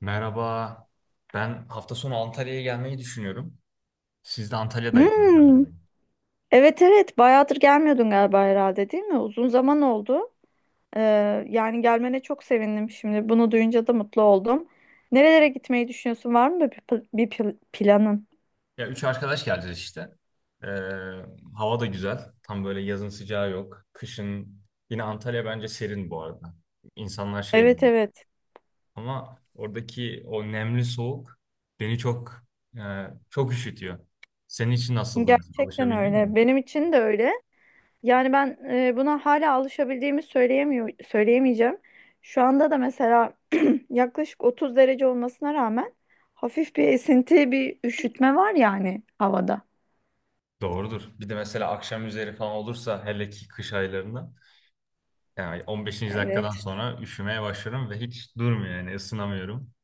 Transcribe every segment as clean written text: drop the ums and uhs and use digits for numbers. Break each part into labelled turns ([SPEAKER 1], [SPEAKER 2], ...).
[SPEAKER 1] Merhaba. Ben hafta sonu Antalya'ya gelmeyi düşünüyorum. Siz de Antalya'daydınız
[SPEAKER 2] Hmm,
[SPEAKER 1] galiba.
[SPEAKER 2] evet evet bayağıdır gelmiyordun galiba herhalde değil mi? Uzun zaman oldu. Yani gelmene çok sevindim şimdi. Bunu duyunca da mutlu oldum. Nerelere gitmeyi düşünüyorsun? Var mı bir planın?
[SPEAKER 1] Ya üç arkadaş geleceğiz işte. Ee, hava da güzel. Tam böyle yazın sıcağı yok. Kışın yine Antalya bence serin bu arada. İnsanlar şey
[SPEAKER 2] Evet
[SPEAKER 1] değil.
[SPEAKER 2] evet.
[SPEAKER 1] Ama oradaki o nemli soğuk beni çok çok üşütüyor. Senin için nasıldı mesela?
[SPEAKER 2] Gerçekten
[SPEAKER 1] Alışabildin mi?
[SPEAKER 2] öyle. Benim için de öyle. Yani ben buna hala alışabildiğimi söyleyemeyeceğim. Şu anda da mesela yaklaşık 30 derece olmasına rağmen hafif bir esinti, bir üşütme var yani havada.
[SPEAKER 1] Doğrudur. Bir de mesela akşam üzeri falan olursa hele ki kış aylarında yani 15. dakikadan
[SPEAKER 2] Evet.
[SPEAKER 1] sonra üşümeye başlarım ve hiç durmuyor yani ısınamıyorum.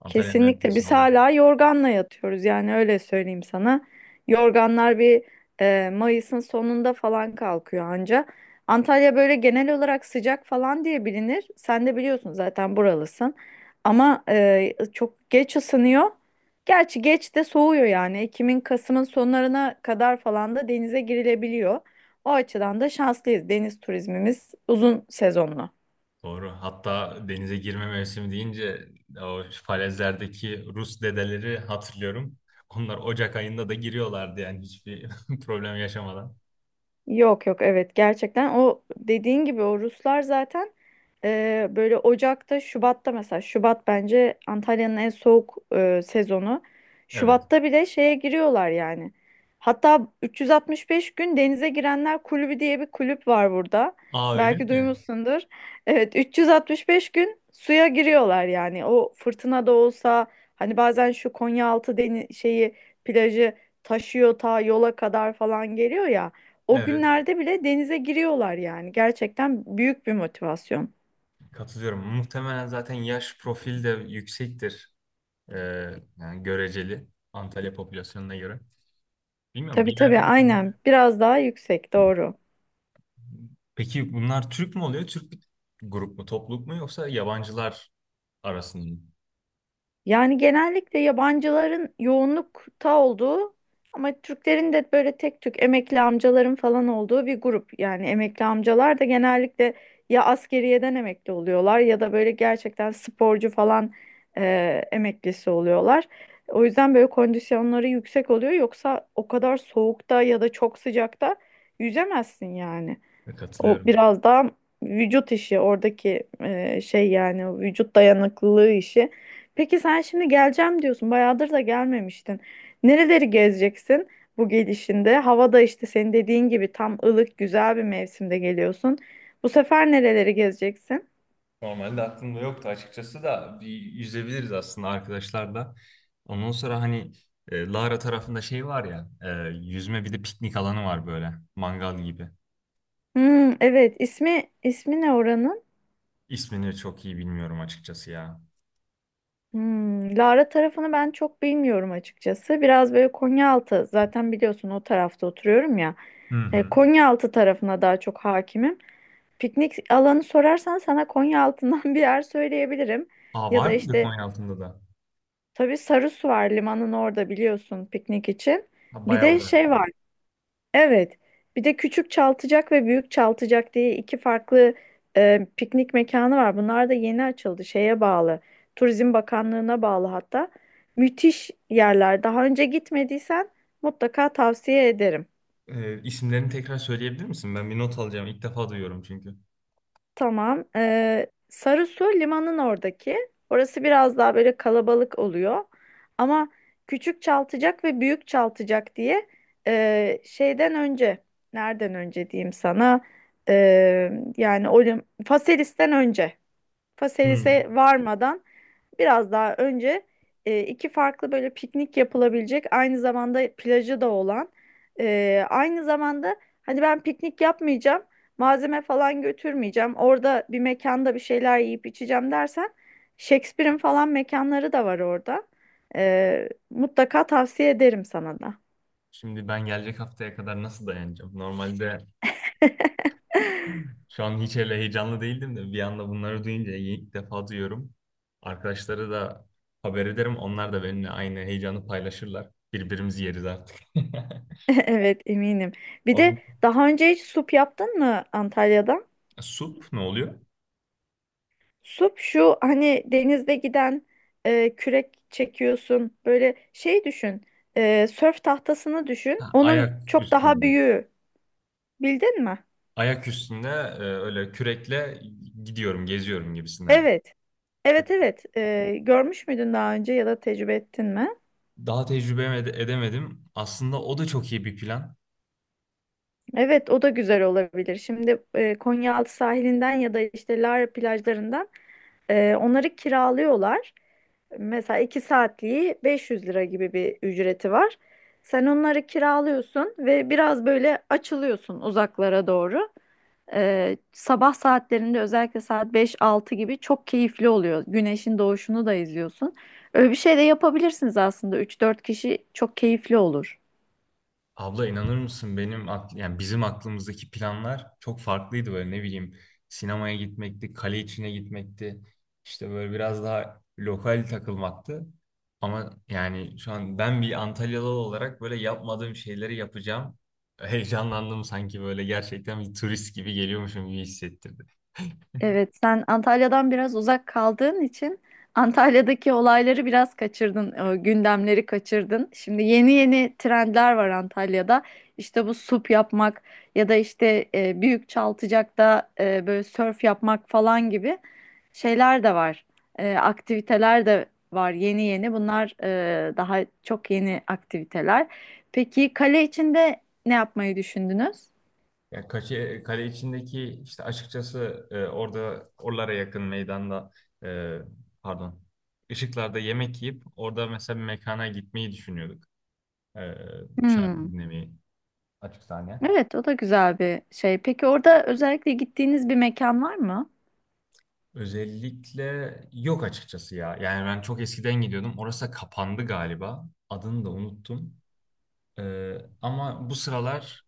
[SPEAKER 1] Antalya'nın öyle bir
[SPEAKER 2] Kesinlikle
[SPEAKER 1] şey
[SPEAKER 2] biz
[SPEAKER 1] var.
[SPEAKER 2] hala yorganla yatıyoruz yani öyle söyleyeyim sana. Yorganlar Mayıs'ın sonunda falan kalkıyor anca. Antalya böyle genel olarak sıcak falan diye bilinir. Sen de biliyorsun zaten buralısın. Ama çok geç ısınıyor. Gerçi geç de soğuyor yani. Ekim'in Kasım'ın sonlarına kadar falan da denize girilebiliyor. O açıdan da şanslıyız. Deniz turizmimiz uzun sezonlu.
[SPEAKER 1] Doğru. Hatta denize girme mevsimi deyince o falezlerdeki Rus dedeleri hatırlıyorum. Onlar Ocak ayında da giriyorlardı yani hiçbir problem yaşamadan.
[SPEAKER 2] Yok yok, evet, gerçekten o dediğin gibi o Ruslar zaten böyle Ocak'ta Şubat'ta, mesela Şubat bence Antalya'nın en soğuk sezonu.
[SPEAKER 1] Evet.
[SPEAKER 2] Şubat'ta bile şeye giriyorlar yani. Hatta 365 gün denize girenler kulübü diye bir kulüp var burada.
[SPEAKER 1] Aa öyle
[SPEAKER 2] Belki
[SPEAKER 1] mi?
[SPEAKER 2] duymuşsundur. Evet, 365 gün suya giriyorlar yani. O fırtına da olsa hani bazen şu Konyaaltı şeyi, plajı taşıyor ta yola kadar falan geliyor ya. O
[SPEAKER 1] Evet.
[SPEAKER 2] günlerde bile denize giriyorlar yani. Gerçekten büyük bir motivasyon.
[SPEAKER 1] Katılıyorum. Muhtemelen zaten yaş profili de yüksektir. Ee, yani göreceli. Antalya popülasyonuna göre. Bilmiyorum
[SPEAKER 2] Tabii
[SPEAKER 1] bir
[SPEAKER 2] tabii,
[SPEAKER 1] yerden.
[SPEAKER 2] aynen. Biraz daha yüksek, doğru.
[SPEAKER 1] Peki bunlar Türk mü oluyor? Türk bir grup mu, topluluk mu yoksa yabancılar arasında mı?
[SPEAKER 2] Yani genellikle yabancıların yoğunlukta olduğu ama Türklerin de böyle tek tük emekli amcaların falan olduğu bir grup. Yani emekli amcalar da genellikle ya askeriyeden emekli oluyorlar ya da böyle gerçekten sporcu falan e, emeklisi oluyorlar. O yüzden böyle kondisyonları yüksek oluyor. Yoksa o kadar soğukta ya da çok sıcakta yüzemezsin yani. O
[SPEAKER 1] Katılıyorum.
[SPEAKER 2] biraz daha vücut işi oradaki şey, yani o vücut dayanıklılığı işi. Peki sen şimdi geleceğim diyorsun. Bayağıdır da gelmemiştin. Nereleri gezeceksin bu gelişinde? Havada işte senin dediğin gibi tam ılık güzel bir mevsimde geliyorsun. Bu sefer nereleri gezeceksin?
[SPEAKER 1] Normalde aklımda yoktu açıkçası da bir yüzebiliriz aslında arkadaşlar da. Ondan sonra hani Lara tarafında şey var ya, yüzme bir de piknik alanı var böyle, mangal gibi.
[SPEAKER 2] Hmm, evet, ismi ne oranın?
[SPEAKER 1] İsmini çok iyi bilmiyorum açıkçası ya.
[SPEAKER 2] Lara tarafını ben çok bilmiyorum açıkçası. Biraz böyle Konyaaltı, zaten biliyorsun o tarafta oturuyorum ya.
[SPEAKER 1] Hı hı.
[SPEAKER 2] Konyaaltı tarafına daha çok hakimim. Piknik alanı sorarsan sana Konya altından bir yer söyleyebilirim.
[SPEAKER 1] Aa
[SPEAKER 2] Ya
[SPEAKER 1] var
[SPEAKER 2] da
[SPEAKER 1] mıydı
[SPEAKER 2] işte
[SPEAKER 1] Konya altında da?
[SPEAKER 2] tabii Sarısu var limanın orada, biliyorsun, piknik için.
[SPEAKER 1] Ha,
[SPEAKER 2] Bir
[SPEAKER 1] bayağı
[SPEAKER 2] de
[SPEAKER 1] uzak.
[SPEAKER 2] şey var. Evet. Bir de Küçük Çaltıcak ve Büyük Çaltıcak diye iki farklı piknik mekanı var. Bunlar da yeni açıldı. Şeye bağlı. Turizm Bakanlığı'na bağlı hatta. Müthiş yerler. Daha önce gitmediysen mutlaka tavsiye ederim.
[SPEAKER 1] E, isimlerini tekrar söyleyebilir misin? Ben bir not alacağım. İlk defa duyuyorum çünkü.
[SPEAKER 2] Tamam. Sarısu limanın oradaki. Orası biraz daha böyle kalabalık oluyor. Ama küçük çaltacak ve büyük çaltacak diye, şeyden önce, nereden önce diyeyim sana? Ee, yani o Faselis'ten önce.
[SPEAKER 1] Hı.
[SPEAKER 2] Faselis'e varmadan biraz daha önce iki farklı, böyle piknik yapılabilecek, aynı zamanda plajı da olan, aynı zamanda hani ben piknik yapmayacağım, malzeme falan götürmeyeceğim, orada bir mekanda bir şeyler yiyip içeceğim dersen Shakespeare'in falan mekanları da var orada. Mutlaka tavsiye ederim sana da.
[SPEAKER 1] Şimdi ben gelecek haftaya kadar nasıl dayanacağım? Normalde şu an hiç öyle heyecanlı değildim de bir anda bunları duyunca ilk defa duyuyorum. Arkadaşlara da haber ederim. Onlar da benimle aynı heyecanı paylaşırlar. Birbirimizi yeriz artık.
[SPEAKER 2] Evet, eminim. Bir de
[SPEAKER 1] Oğlum,
[SPEAKER 2] daha önce hiç sup yaptın mı Antalya'da?
[SPEAKER 1] sup ne oluyor?
[SPEAKER 2] Sup şu hani denizde giden, kürek çekiyorsun. Böyle şey düşün. Sörf tahtasını düşün.
[SPEAKER 1] Ha,
[SPEAKER 2] Onun
[SPEAKER 1] ayak
[SPEAKER 2] çok daha
[SPEAKER 1] üstünde.
[SPEAKER 2] büyüğü. Bildin mi?
[SPEAKER 1] Ayak üstünde öyle kürekle gidiyorum, geziyorum gibisinden.
[SPEAKER 2] Evet. Evet evet. Görmüş müydün daha önce ya da tecrübe ettin mi?
[SPEAKER 1] Daha tecrübe edemedim. Aslında o da çok iyi bir plan.
[SPEAKER 2] Evet, o da güzel olabilir. Şimdi Konyaaltı sahilinden ya da işte Lara plajlarından onları kiralıyorlar. Mesela 2 saatliği 500 lira gibi bir ücreti var. Sen onları kiralıyorsun ve biraz böyle açılıyorsun uzaklara doğru. Sabah saatlerinde özellikle saat 5-6 gibi çok keyifli oluyor. Güneşin doğuşunu da izliyorsun. Öyle bir şey de yapabilirsiniz aslında. Üç dört kişi çok keyifli olur.
[SPEAKER 1] Abla inanır mısın benim yani bizim aklımızdaki planlar çok farklıydı böyle ne bileyim sinemaya gitmekti, kale içine gitmekti. İşte böyle biraz daha lokal takılmaktı. Ama yani şu an ben bir Antalyalı olarak böyle yapmadığım şeyleri yapacağım. Heyecanlandım sanki böyle gerçekten bir turist gibi geliyormuşum gibi hissettirdi.
[SPEAKER 2] Evet, sen Antalya'dan biraz uzak kaldığın için Antalya'daki olayları biraz kaçırdın, gündemleri kaçırdın. Şimdi yeni yeni trendler var Antalya'da. İşte bu sup yapmak ya da işte büyük Çaltıcak'ta böyle sörf yapmak falan gibi şeyler de var. Aktiviteler de var yeni yeni. Bunlar daha çok yeni aktiviteler. Peki kale içinde ne yapmayı düşündünüz?
[SPEAKER 1] Ya kale içindeki işte açıkçası orada oralara yakın meydanda e, pardon, ışıklarda yemek yiyip orada mesela bir mekana gitmeyi düşünüyorduk. E, şarkı
[SPEAKER 2] Hmm.
[SPEAKER 1] dinlemeyi, açık sahne.
[SPEAKER 2] Evet, o da güzel bir şey. Peki orada özellikle gittiğiniz bir mekan var mı?
[SPEAKER 1] Özellikle yok açıkçası ya. Yani ben çok eskiden gidiyordum. Orası da kapandı galiba. Adını da unuttum. Ama bu sıralar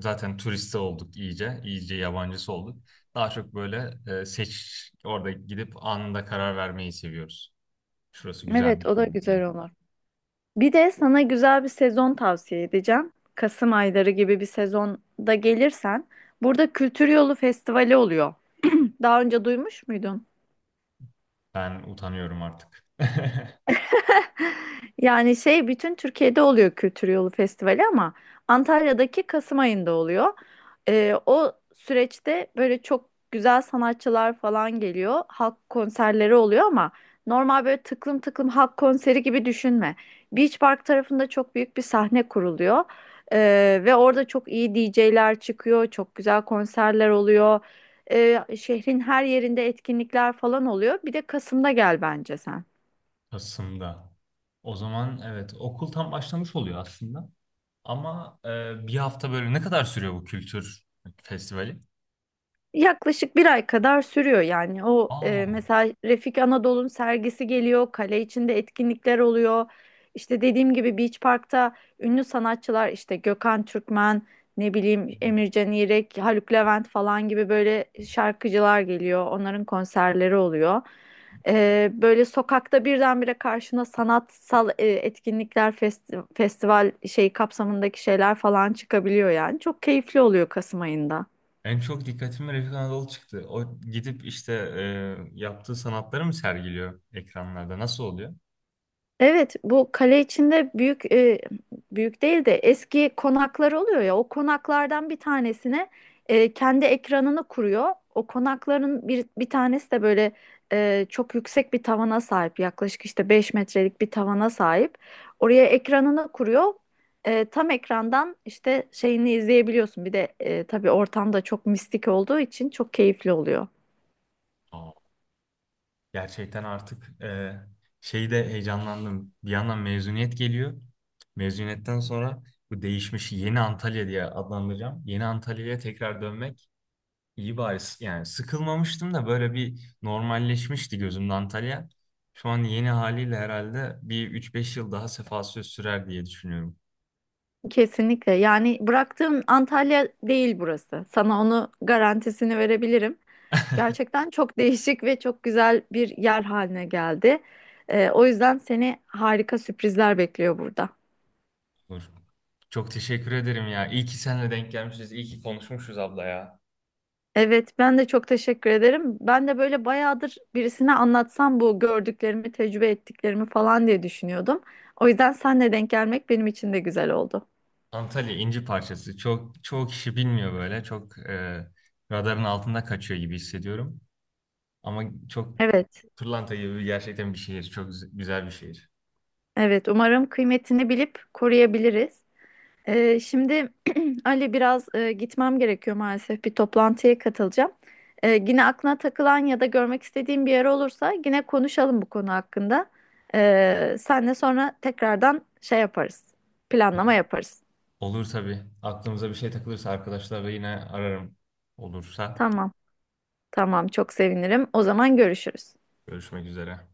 [SPEAKER 1] zaten turiste olduk iyice, iyice yabancısı olduk. Daha çok böyle orada gidip anında karar vermeyi seviyoruz. Şurası
[SPEAKER 2] Evet,
[SPEAKER 1] güzelmiş,
[SPEAKER 2] o da
[SPEAKER 1] şuraya
[SPEAKER 2] güzel
[SPEAKER 1] gidelim.
[SPEAKER 2] olur. Bir de sana güzel bir sezon tavsiye edeceğim. Kasım ayları gibi bir sezonda gelirsen, burada Kültür Yolu Festivali oluyor. Daha önce duymuş muydun?
[SPEAKER 1] Ben utanıyorum artık.
[SPEAKER 2] Yani şey bütün Türkiye'de oluyor Kültür Yolu Festivali ama Antalya'daki Kasım ayında oluyor. O süreçte böyle çok güzel sanatçılar falan geliyor. Halk konserleri oluyor ama normal böyle tıklım tıklım halk konseri gibi düşünme. Beach Park tarafında çok büyük bir sahne kuruluyor. Ve orada çok iyi DJ'ler çıkıyor. Çok güzel konserler oluyor. Şehrin her yerinde etkinlikler falan oluyor. Bir de Kasım'da gel bence sen.
[SPEAKER 1] Kasım'da. O zaman evet, okul tam başlamış oluyor aslında. Ama bir hafta böyle ne kadar sürüyor bu kültür festivali?
[SPEAKER 2] Yaklaşık bir ay kadar sürüyor yani. O
[SPEAKER 1] Aa,
[SPEAKER 2] mesela Refik Anadolu'nun sergisi geliyor, kale içinde etkinlikler oluyor. İşte dediğim gibi Beach Park'ta ünlü sanatçılar, işte Gökhan Türkmen, ne bileyim Emircan İrek, Haluk Levent falan gibi böyle şarkıcılar geliyor. Onların konserleri oluyor. Böyle sokakta birdenbire karşına sanatsal etkinlikler, festival şey kapsamındaki şeyler falan çıkabiliyor yani. Çok keyifli oluyor Kasım ayında.
[SPEAKER 1] en çok dikkatimi Refik Anadolu çıktı. O gidip işte yaptığı sanatları mı sergiliyor ekranlarda? Nasıl oluyor?
[SPEAKER 2] Evet, bu kale içinde büyük değil de eski konaklar oluyor ya. O konaklardan bir tanesine kendi ekranını kuruyor. O konakların bir tanesi de böyle çok yüksek bir tavana sahip. Yaklaşık işte 5 metrelik bir tavana sahip. Oraya ekranını kuruyor. Tam ekrandan işte şeyini izleyebiliyorsun. Bir de tabii ortam da çok mistik olduğu için çok keyifli oluyor.
[SPEAKER 1] Aa, gerçekten artık şeyde heyecanlandım. Bir yandan mezuniyet geliyor. Mezuniyetten sonra bu değişmiş yeni Antalya diye adlandıracağım. Yeni Antalya'ya tekrar dönmek iyi bari. Yani sıkılmamıştım da böyle bir normalleşmişti gözümde Antalya. Şu an yeni haliyle herhalde bir üç beş yıl daha sefa söz sürer diye düşünüyorum.
[SPEAKER 2] Kesinlikle. Yani bıraktığım Antalya değil burası. Sana onu garantisini verebilirim. Gerçekten çok değişik ve çok güzel bir yer haline geldi. O yüzden seni harika sürprizler bekliyor burada.
[SPEAKER 1] Olur. Çok teşekkür ederim ya. İyi ki seninle denk gelmişiz. İyi ki konuşmuşuz abla ya.
[SPEAKER 2] Evet, ben de çok teşekkür ederim. Ben de böyle bayağıdır birisine anlatsam bu gördüklerimi, tecrübe ettiklerimi falan diye düşünüyordum. O yüzden senle denk gelmek benim için de güzel oldu.
[SPEAKER 1] Antalya inci parçası. Çok çoğu kişi bilmiyor böyle. Çok radarın altında kaçıyor gibi hissediyorum. Ama çok
[SPEAKER 2] Evet,
[SPEAKER 1] pırlanta gibi gerçekten bir şehir. Çok güzel bir şehir.
[SPEAKER 2] evet. Umarım kıymetini bilip koruyabiliriz. Şimdi Ali, biraz gitmem gerekiyor maalesef. Bir toplantıya katılacağım. Yine aklına takılan ya da görmek istediğin bir yer olursa yine konuşalım bu konu hakkında. Senle sonra tekrardan şey yaparız. Planlama yaparız.
[SPEAKER 1] Olur tabii. Aklımıza bir şey takılırsa arkadaşlarla yine ararım. Olursa
[SPEAKER 2] Tamam. Tamam, çok sevinirim. O zaman görüşürüz.
[SPEAKER 1] görüşmek üzere.